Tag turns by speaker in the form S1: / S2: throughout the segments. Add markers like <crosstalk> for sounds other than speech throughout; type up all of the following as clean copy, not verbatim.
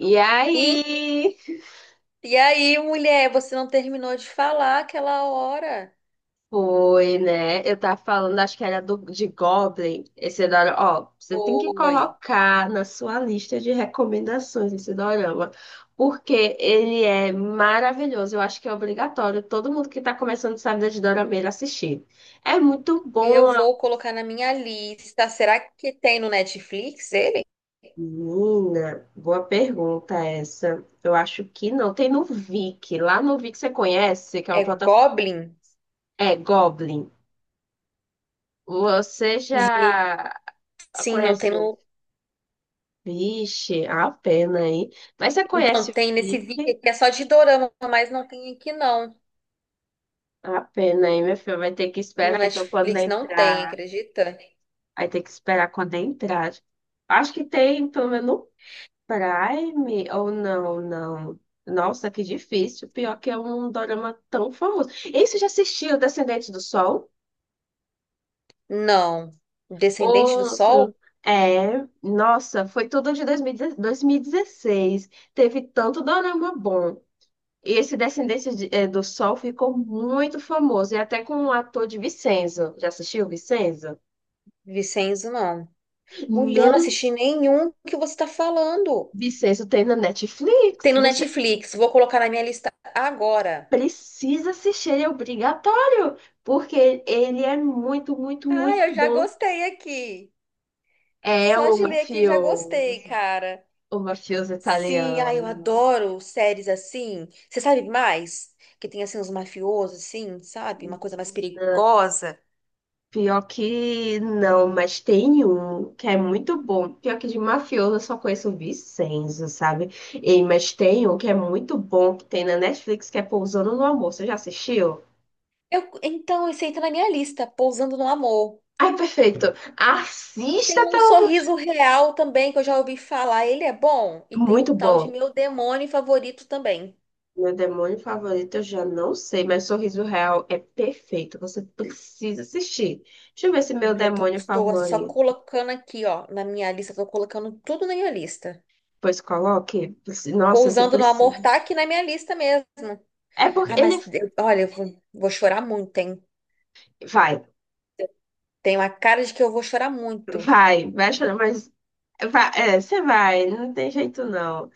S1: E
S2: E,
S1: aí,
S2: e aí, mulher, você não terminou de falar aquela hora?
S1: foi, né? Eu tava falando, acho que era de Goblin. Esse dorama, ó, você tem que
S2: Foi.
S1: colocar na sua lista de recomendações esse dorama, porque ele é maravilhoso. Eu acho que é obrigatório todo mundo que tá começando essa vida de dorameira assistir. É muito
S2: Eu
S1: bom,
S2: vou colocar na minha lista. Será que tem no Netflix ele?
S1: menina. Boa pergunta essa. Eu acho que não. Tem no Viki. Lá no Viki você conhece, que é uma
S2: É
S1: plataforma.
S2: Goblin?
S1: É Goblin. Você
S2: Gente,
S1: já
S2: sim, não tem
S1: Conhece o
S2: no...
S1: Vixe? A pena, aí. Mas você
S2: Então,
S1: conhece o
S2: tem nesse
S1: Vic?
S2: vídeo aqui, é só de dorama, mas não tem aqui não.
S1: A pena, aí, meu filho? Vai ter que
S2: No
S1: esperar, então, quando
S2: Netflix não tem,
S1: entrar.
S2: acredita?
S1: Vai ter que esperar quando entrar. Acho que tem, pelo menos, no Prime. Ou não, não. Nossa, que difícil. Pior que é um dorama tão famoso. E você já assistiu Descendente do Sol?
S2: Não. Descendente do Sol?
S1: Outro. É, nossa, foi tudo de 2010 2016. Teve tanto dorama bom. E esse do Sol ficou muito famoso, e até com um ator de Vincenzo. Já assistiu Vincenzo?
S2: Vicenzo, não. Mulher, não
S1: Não.
S2: assisti nenhum que você tá falando.
S1: Vincenzo tem na
S2: Tem
S1: Netflix.
S2: no
S1: Você
S2: Netflix, vou colocar na minha lista agora.
S1: precisa assistir, ele é obrigatório, porque ele é muito, muito,
S2: Ah,
S1: muito
S2: eu já
S1: bom.
S2: gostei aqui.
S1: É
S2: Só de ler aqui já gostei, cara.
S1: o mafioso
S2: Sim, ah, eu
S1: italiano.
S2: adoro séries assim. Você sabe mais? Que tem assim uns mafiosos, assim, sabe? Uma coisa mais perigosa.
S1: Pior que não, mas tem um que é muito bom. Pior que de mafioso eu só conheço o Vincenzo, sabe? E, mas tem um que é muito bom que tem na Netflix que é Pousando no Amor. Você já assistiu?
S2: Eu, então, esse aí tá na minha lista, Pousando no Amor.
S1: Ai, perfeito. Assista,
S2: Tem um
S1: pelo amor de
S2: Sorriso Real também, que eu já ouvi falar. Ele é bom. E tem o
S1: Muito
S2: tal de
S1: bom.
S2: Meu Demônio Favorito também.
S1: Meu demônio favorito eu já não sei, mas Sorriso Real é perfeito. Você precisa assistir. Deixa eu ver se meu
S2: Mulher, tô,
S1: demônio
S2: tô só
S1: favorito.
S2: colocando aqui, ó, na minha lista. Tô colocando tudo na minha lista.
S1: Pois coloque. Nossa, você
S2: Pousando no Amor
S1: precisa.
S2: tá aqui na minha lista mesmo.
S1: É porque ele
S2: Olha, eu vou chorar muito, hein?
S1: vai.
S2: Tem uma cara de que eu vou chorar muito.
S1: Vai, vai chorar, mas você vai, não tem jeito não.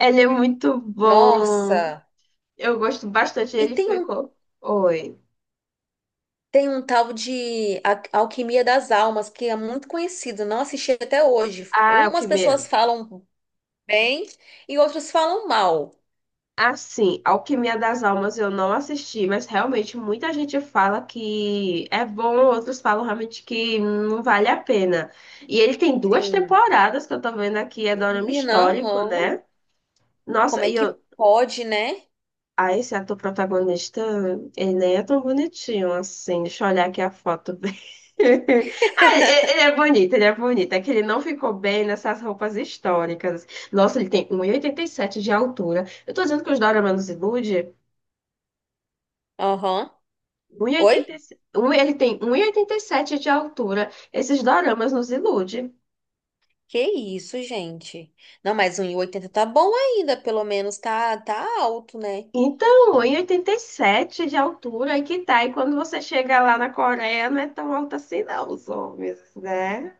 S1: Ele é muito bom.
S2: Nossa!
S1: Eu gosto bastante.
S2: E
S1: Ele
S2: tem um,
S1: ficou. Oi.
S2: tem um tal de Alquimia das Almas, que é muito conhecido, não assisti até hoje.
S1: Ah,
S2: Umas
S1: Alquimia.
S2: pessoas falam bem e outras falam mal.
S1: Assim, Alquimia das Almas eu não assisti, mas realmente muita gente fala que é bom, outros falam realmente que não vale a pena. E ele tem duas temporadas que eu tô vendo aqui, é dorama
S2: Menina,
S1: histórico,
S2: aham.
S1: né?
S2: Como
S1: Nossa,
S2: é
S1: e
S2: que
S1: eu,
S2: pode, né?
S1: ah, esse ator protagonista, ele nem é tão bonitinho assim. Deixa eu olhar aqui a foto dele. <laughs> Ah, ele é bonito, ele é bonito. É que ele não ficou bem nessas roupas históricas. Nossa, ele tem um e oitenta e sete de altura. Eu tô dizendo que os Dorama nos ilude?
S2: Aham. Oi?
S1: 1,87. Ele tem um e oitenta e sete de altura. Esses doramas nos iludem.
S2: Que isso, gente? Não, mas 1,80 tá bom ainda, pelo menos tá alto, né?
S1: Então, um e oitenta e sete de altura, e que tá? E quando você chega lá na Coreia, não é tão alto assim, não, os homens, né?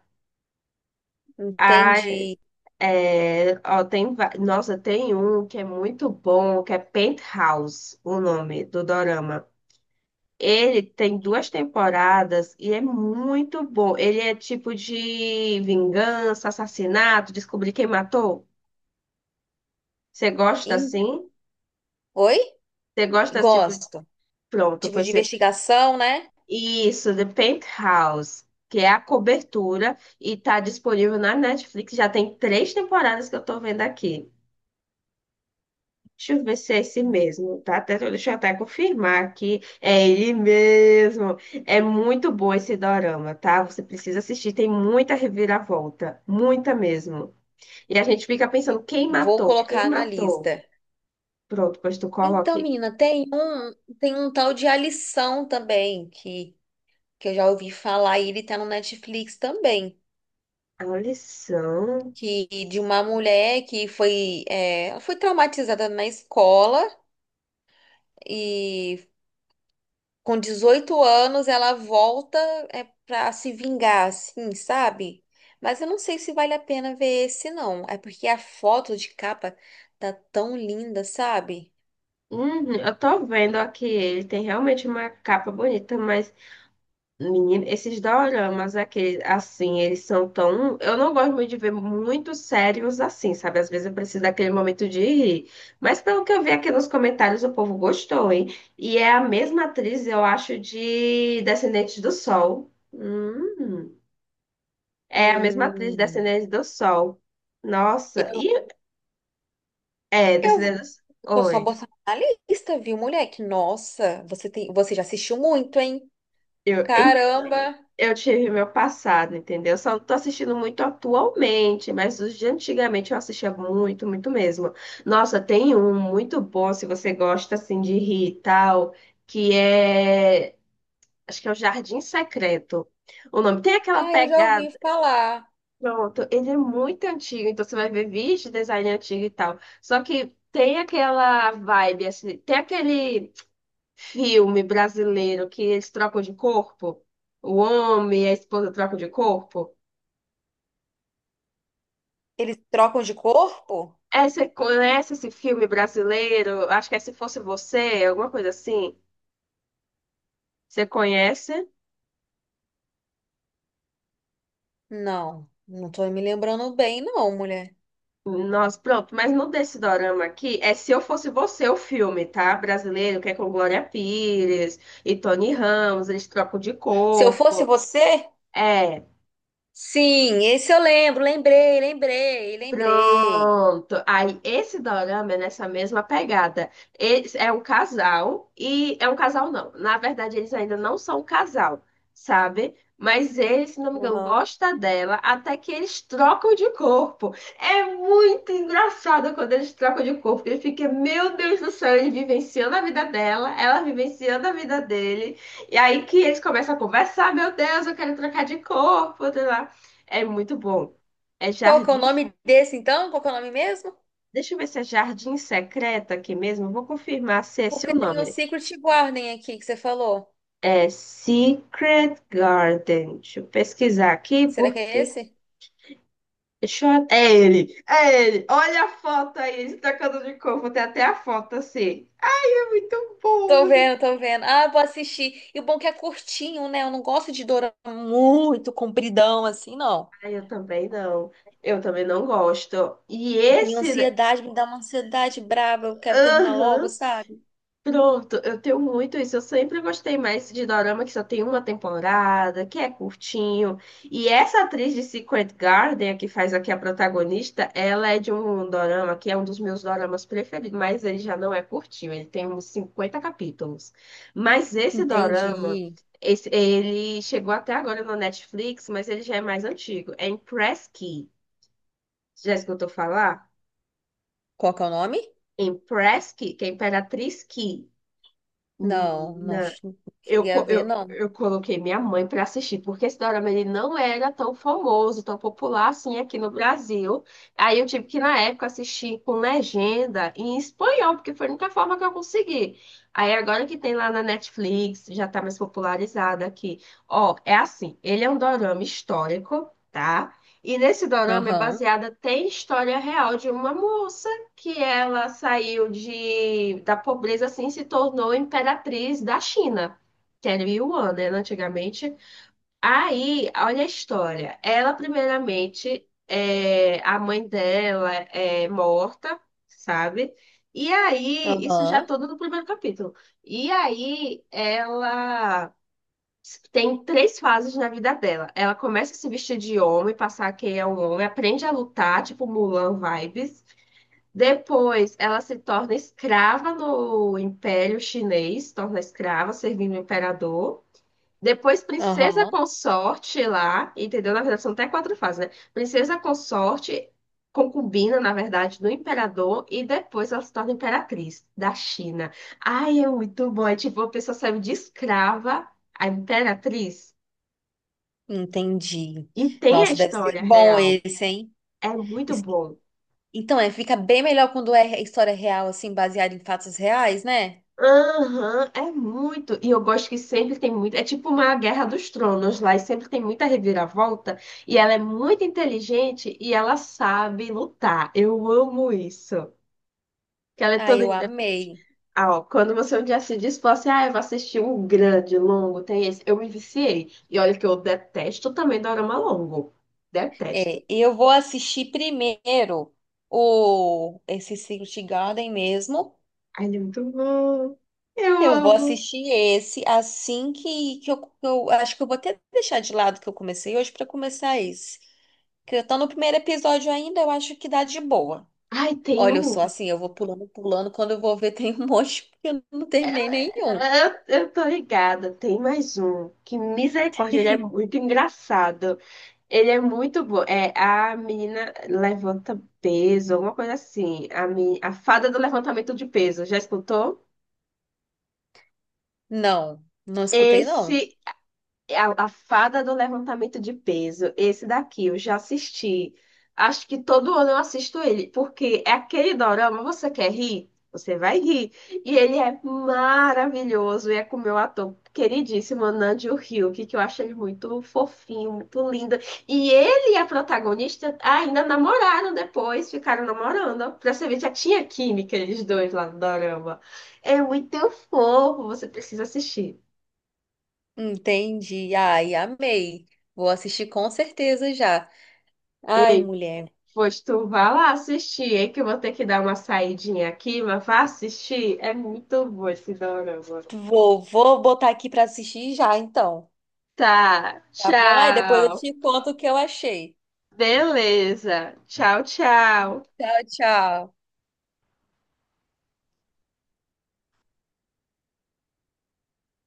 S2: Entendi.
S1: É, ó, tem, nossa, tem um que é muito bom, que é Penthouse, o nome do dorama. Ele tem duas temporadas e é muito bom. Ele é tipo de vingança, assassinato, descobrir quem matou. Você gosta
S2: Em-
S1: assim?
S2: Oi?
S1: Você gosta tipo,
S2: Gosto.
S1: pronto,
S2: Tipo
S1: pois
S2: de
S1: você...
S2: investigação, né?
S1: Isso, The Penthouse, que é a cobertura e tá disponível na Netflix. Já tem três temporadas que eu tô vendo aqui. Deixa eu ver se é esse mesmo, tá? Deixa eu até confirmar aqui. É ele mesmo. É muito bom esse dorama, tá? Você precisa assistir, tem muita reviravolta, muita mesmo. E a gente fica pensando, quem
S2: Vou
S1: matou? Quem
S2: colocar na
S1: matou?
S2: lista.
S1: Pronto, pois tu
S2: Então,
S1: coloque
S2: menina, tem um tal de A Lição também, que eu já ouvi falar, e ele tá no Netflix também,
S1: a lição.
S2: que de uma mulher que foi, é, ela foi traumatizada na escola e com 18 anos ela volta é, para se vingar, assim, sabe? Mas eu não sei se vale a pena ver esse, não. É porque a foto de capa tá tão linda, sabe?
S1: Uhum, eu tô vendo aqui, ele tem realmente uma capa bonita, mas menino, esses doramas, aqueles, assim, eles são tão. Eu não gosto muito de ver muito sérios assim, sabe? Às vezes eu preciso daquele momento de rir. Mas pelo que eu vi aqui nos comentários, o povo gostou, hein? E é a mesma atriz, eu acho, de Descendentes do Sol. Hum. É a mesma atriz de
S2: Hum.
S1: Descendentes do Sol. Nossa,
S2: Eu
S1: e. É,
S2: eu
S1: Descendentes do
S2: vou
S1: Sol.
S2: só
S1: Oi.
S2: botar na lista, viu, moleque? Nossa, você já assistiu muito, hein?
S1: Eu,
S2: Caramba!
S1: Eu tive meu passado, entendeu? Eu só não tô assistindo muito atualmente, mas os de antigamente eu assistia muito, muito mesmo. Nossa, tem um muito bom, se você gosta assim de rir e tal, que é, acho que é o Jardim Secreto. O nome tem aquela
S2: Ah, eu já ouvi
S1: pegada.
S2: falar.
S1: Pronto, ele é muito antigo, então você vai ver vídeos de design antigo e tal. Só que tem aquela vibe assim, tem aquele filme brasileiro que eles trocam de corpo. O homem e a esposa trocam de corpo.
S2: Eles trocam de corpo?
S1: É, você conhece esse filme brasileiro? Acho que é Se Fosse Você, alguma coisa assim. Você conhece?
S2: Não, não tô me lembrando bem, não, mulher.
S1: Nossa, pronto. Mas no desse dorama aqui, é Se Eu Fosse Você o filme, tá? Brasileiro, que é com Glória Pires e Tony Ramos, eles trocam de
S2: Se eu fosse
S1: corpo.
S2: você?
S1: É.
S2: Sim, esse eu lembro, lembrei.
S1: Pronto. Aí, esse dorama é nessa mesma pegada. Eles, é um casal, e é um casal não. Na verdade, eles ainda não são um casal, sabe? Mas ele, se não me engano,
S2: Uhum.
S1: gosta dela até que eles trocam de corpo. É muito engraçado quando eles trocam de corpo. Ele fica, meu Deus do céu, ele vivenciando a vida dela, ela vivenciando a vida dele. E aí que eles começam a conversar, meu Deus, eu quero trocar de corpo, sei lá. É muito bom. É
S2: Qual que é o
S1: Jardim.
S2: nome desse, então? Qual que é o nome mesmo?
S1: Deixa eu ver se é Jardim Secreto aqui mesmo. Vou confirmar se é esse
S2: Porque
S1: o
S2: tem o
S1: nome.
S2: Secret Garden aqui que você falou.
S1: É Secret Garden. Deixa eu pesquisar aqui,
S2: Será que é
S1: porque.
S2: esse?
S1: Deixa eu... É ele! É ele! Olha a foto aí, ele se tacando de corpo. Vou ter até a foto assim. É muito bom você.
S2: Tô vendo. Ah, vou assistir. E o bom é que é curtinho, né? Eu não gosto de dorama muito compridão assim, não.
S1: Ah, eu também não. Eu também não gosto. E
S2: Eu tenho
S1: esse.
S2: ansiedade, me dá uma ansiedade braba. Eu quero terminar logo,
S1: Aham.
S2: sabe?
S1: Pronto, eu tenho muito isso. Eu sempre gostei mais de dorama que só tem uma temporada, que é curtinho. E essa atriz de Secret Garden, que faz aqui a protagonista, ela é de um dorama que é um dos meus doramas preferidos, mas ele já não é curtinho, ele tem uns 50 capítulos. Mas esse dorama,
S2: Entendi.
S1: ele chegou até agora no Netflix, mas ele já é mais antigo. É Empress Ki. Já escutou falar?
S2: Qual que é o nome?
S1: Empress Ki, que é Imperatriz Ki.
S2: Não,
S1: Menina.
S2: não
S1: Eu,
S2: cheguei a
S1: co-
S2: ver,
S1: eu,
S2: não.
S1: eu coloquei minha mãe para assistir, porque esse dorama ele não era tão famoso, tão popular assim aqui no Brasil. Aí eu tive que, na época, assistir com legenda em espanhol, porque foi a única forma que eu consegui. Aí agora que tem lá na Netflix, já tá mais popularizado aqui. Ó, é assim, ele é um dorama histórico, tá? E nesse dorama é
S2: Aham,
S1: baseada, tem história real de uma moça que ela saiu da pobreza assim e se tornou imperatriz da China que era Yuan, né, antigamente. Aí, olha a história. Ela, primeiramente, é, a mãe dela é morta, sabe? E aí, isso já
S2: aham,
S1: todo no primeiro capítulo. E aí, ela tem três fases na vida dela. Ela começa a se vestir de homem, passar que é um homem, aprende a lutar, tipo Mulan vibes. Depois, ela se torna escrava no Império Chinês, torna escrava, servindo o imperador. Depois Princesa
S2: aham.
S1: Consorte lá, entendeu? Na verdade, são até quatro fases, né? Princesa Consorte, concubina, na verdade, do imperador, e depois ela se torna imperatriz da China. Ai, é muito bom. É tipo, a pessoa serve de escrava a imperatriz
S2: Entendi.
S1: e tem a
S2: Nossa, deve ser
S1: história
S2: bom
S1: real.
S2: esse, hein?
S1: É muito
S2: Esse-
S1: bom.
S2: Então, é, fica bem melhor quando é história real, assim, baseada em fatos reais, né?
S1: Aham, é muito. E eu gosto que sempre tem muito. É tipo uma Guerra dos Tronos lá, e sempre tem muita reviravolta. E ela é muito inteligente e ela sabe lutar. Eu amo isso. Que ela é
S2: Ah,
S1: toda
S2: eu
S1: independente.
S2: amei.
S1: Ah, ó, quando você um dia se diz, fala assim: ah, eu vou assistir um grande, longo, tem esse. Eu me viciei. E olha que eu detesto também dorama longo. Detesto.
S2: É, e eu vou assistir primeiro o esse Secret Garden mesmo.
S1: Ai, ele é muito bom. Eu
S2: Eu vou
S1: amo.
S2: assistir esse assim que eu acho que eu vou até deixar de lado que eu comecei hoje para começar esse. Que eu tô no primeiro episódio ainda, eu acho que dá de boa.
S1: Ai, tem
S2: Olha, eu sou
S1: um.
S2: assim, eu vou pulando, quando eu vou ver <laughs> tem um monte, porque eu não terminei nenhum.
S1: Eu tô ligada, tem mais um. Que misericórdia, ele é muito engraçado. Ele é muito bom. É, a menina levanta peso, alguma coisa assim. A fada do levantamento de peso, já escutou?
S2: Não, não escutei não.
S1: Esse É a Fada do Levantamento de Peso, esse daqui eu já assisti. Acho que todo ano eu assisto ele, porque é aquele dorama, você quer rir? Você vai rir. E ele é maravilhoso, e é com o meu ator queridíssimo, Namjoon Hyuk, que eu acho ele muito fofinho, muito lindo. E ele e a protagonista ainda namoraram depois, ficaram namorando. Pra você ver, já tinha química eles dois lá no dorama. É muito fofo, você precisa assistir.
S2: Entendi. Ai, amei. Vou assistir com certeza já. Ai, mulher.
S1: Pois tu vá lá assistir, hein? Que eu vou ter que dar uma saidinha aqui, mas vá assistir. É muito bom esse dorama.
S2: Vou botar aqui pra assistir já, então.
S1: Tá,
S2: Tá bom? Aí depois eu
S1: tchau.
S2: te conto o que eu achei.
S1: Beleza. Tchau, tchau.
S2: Tchau, tchau.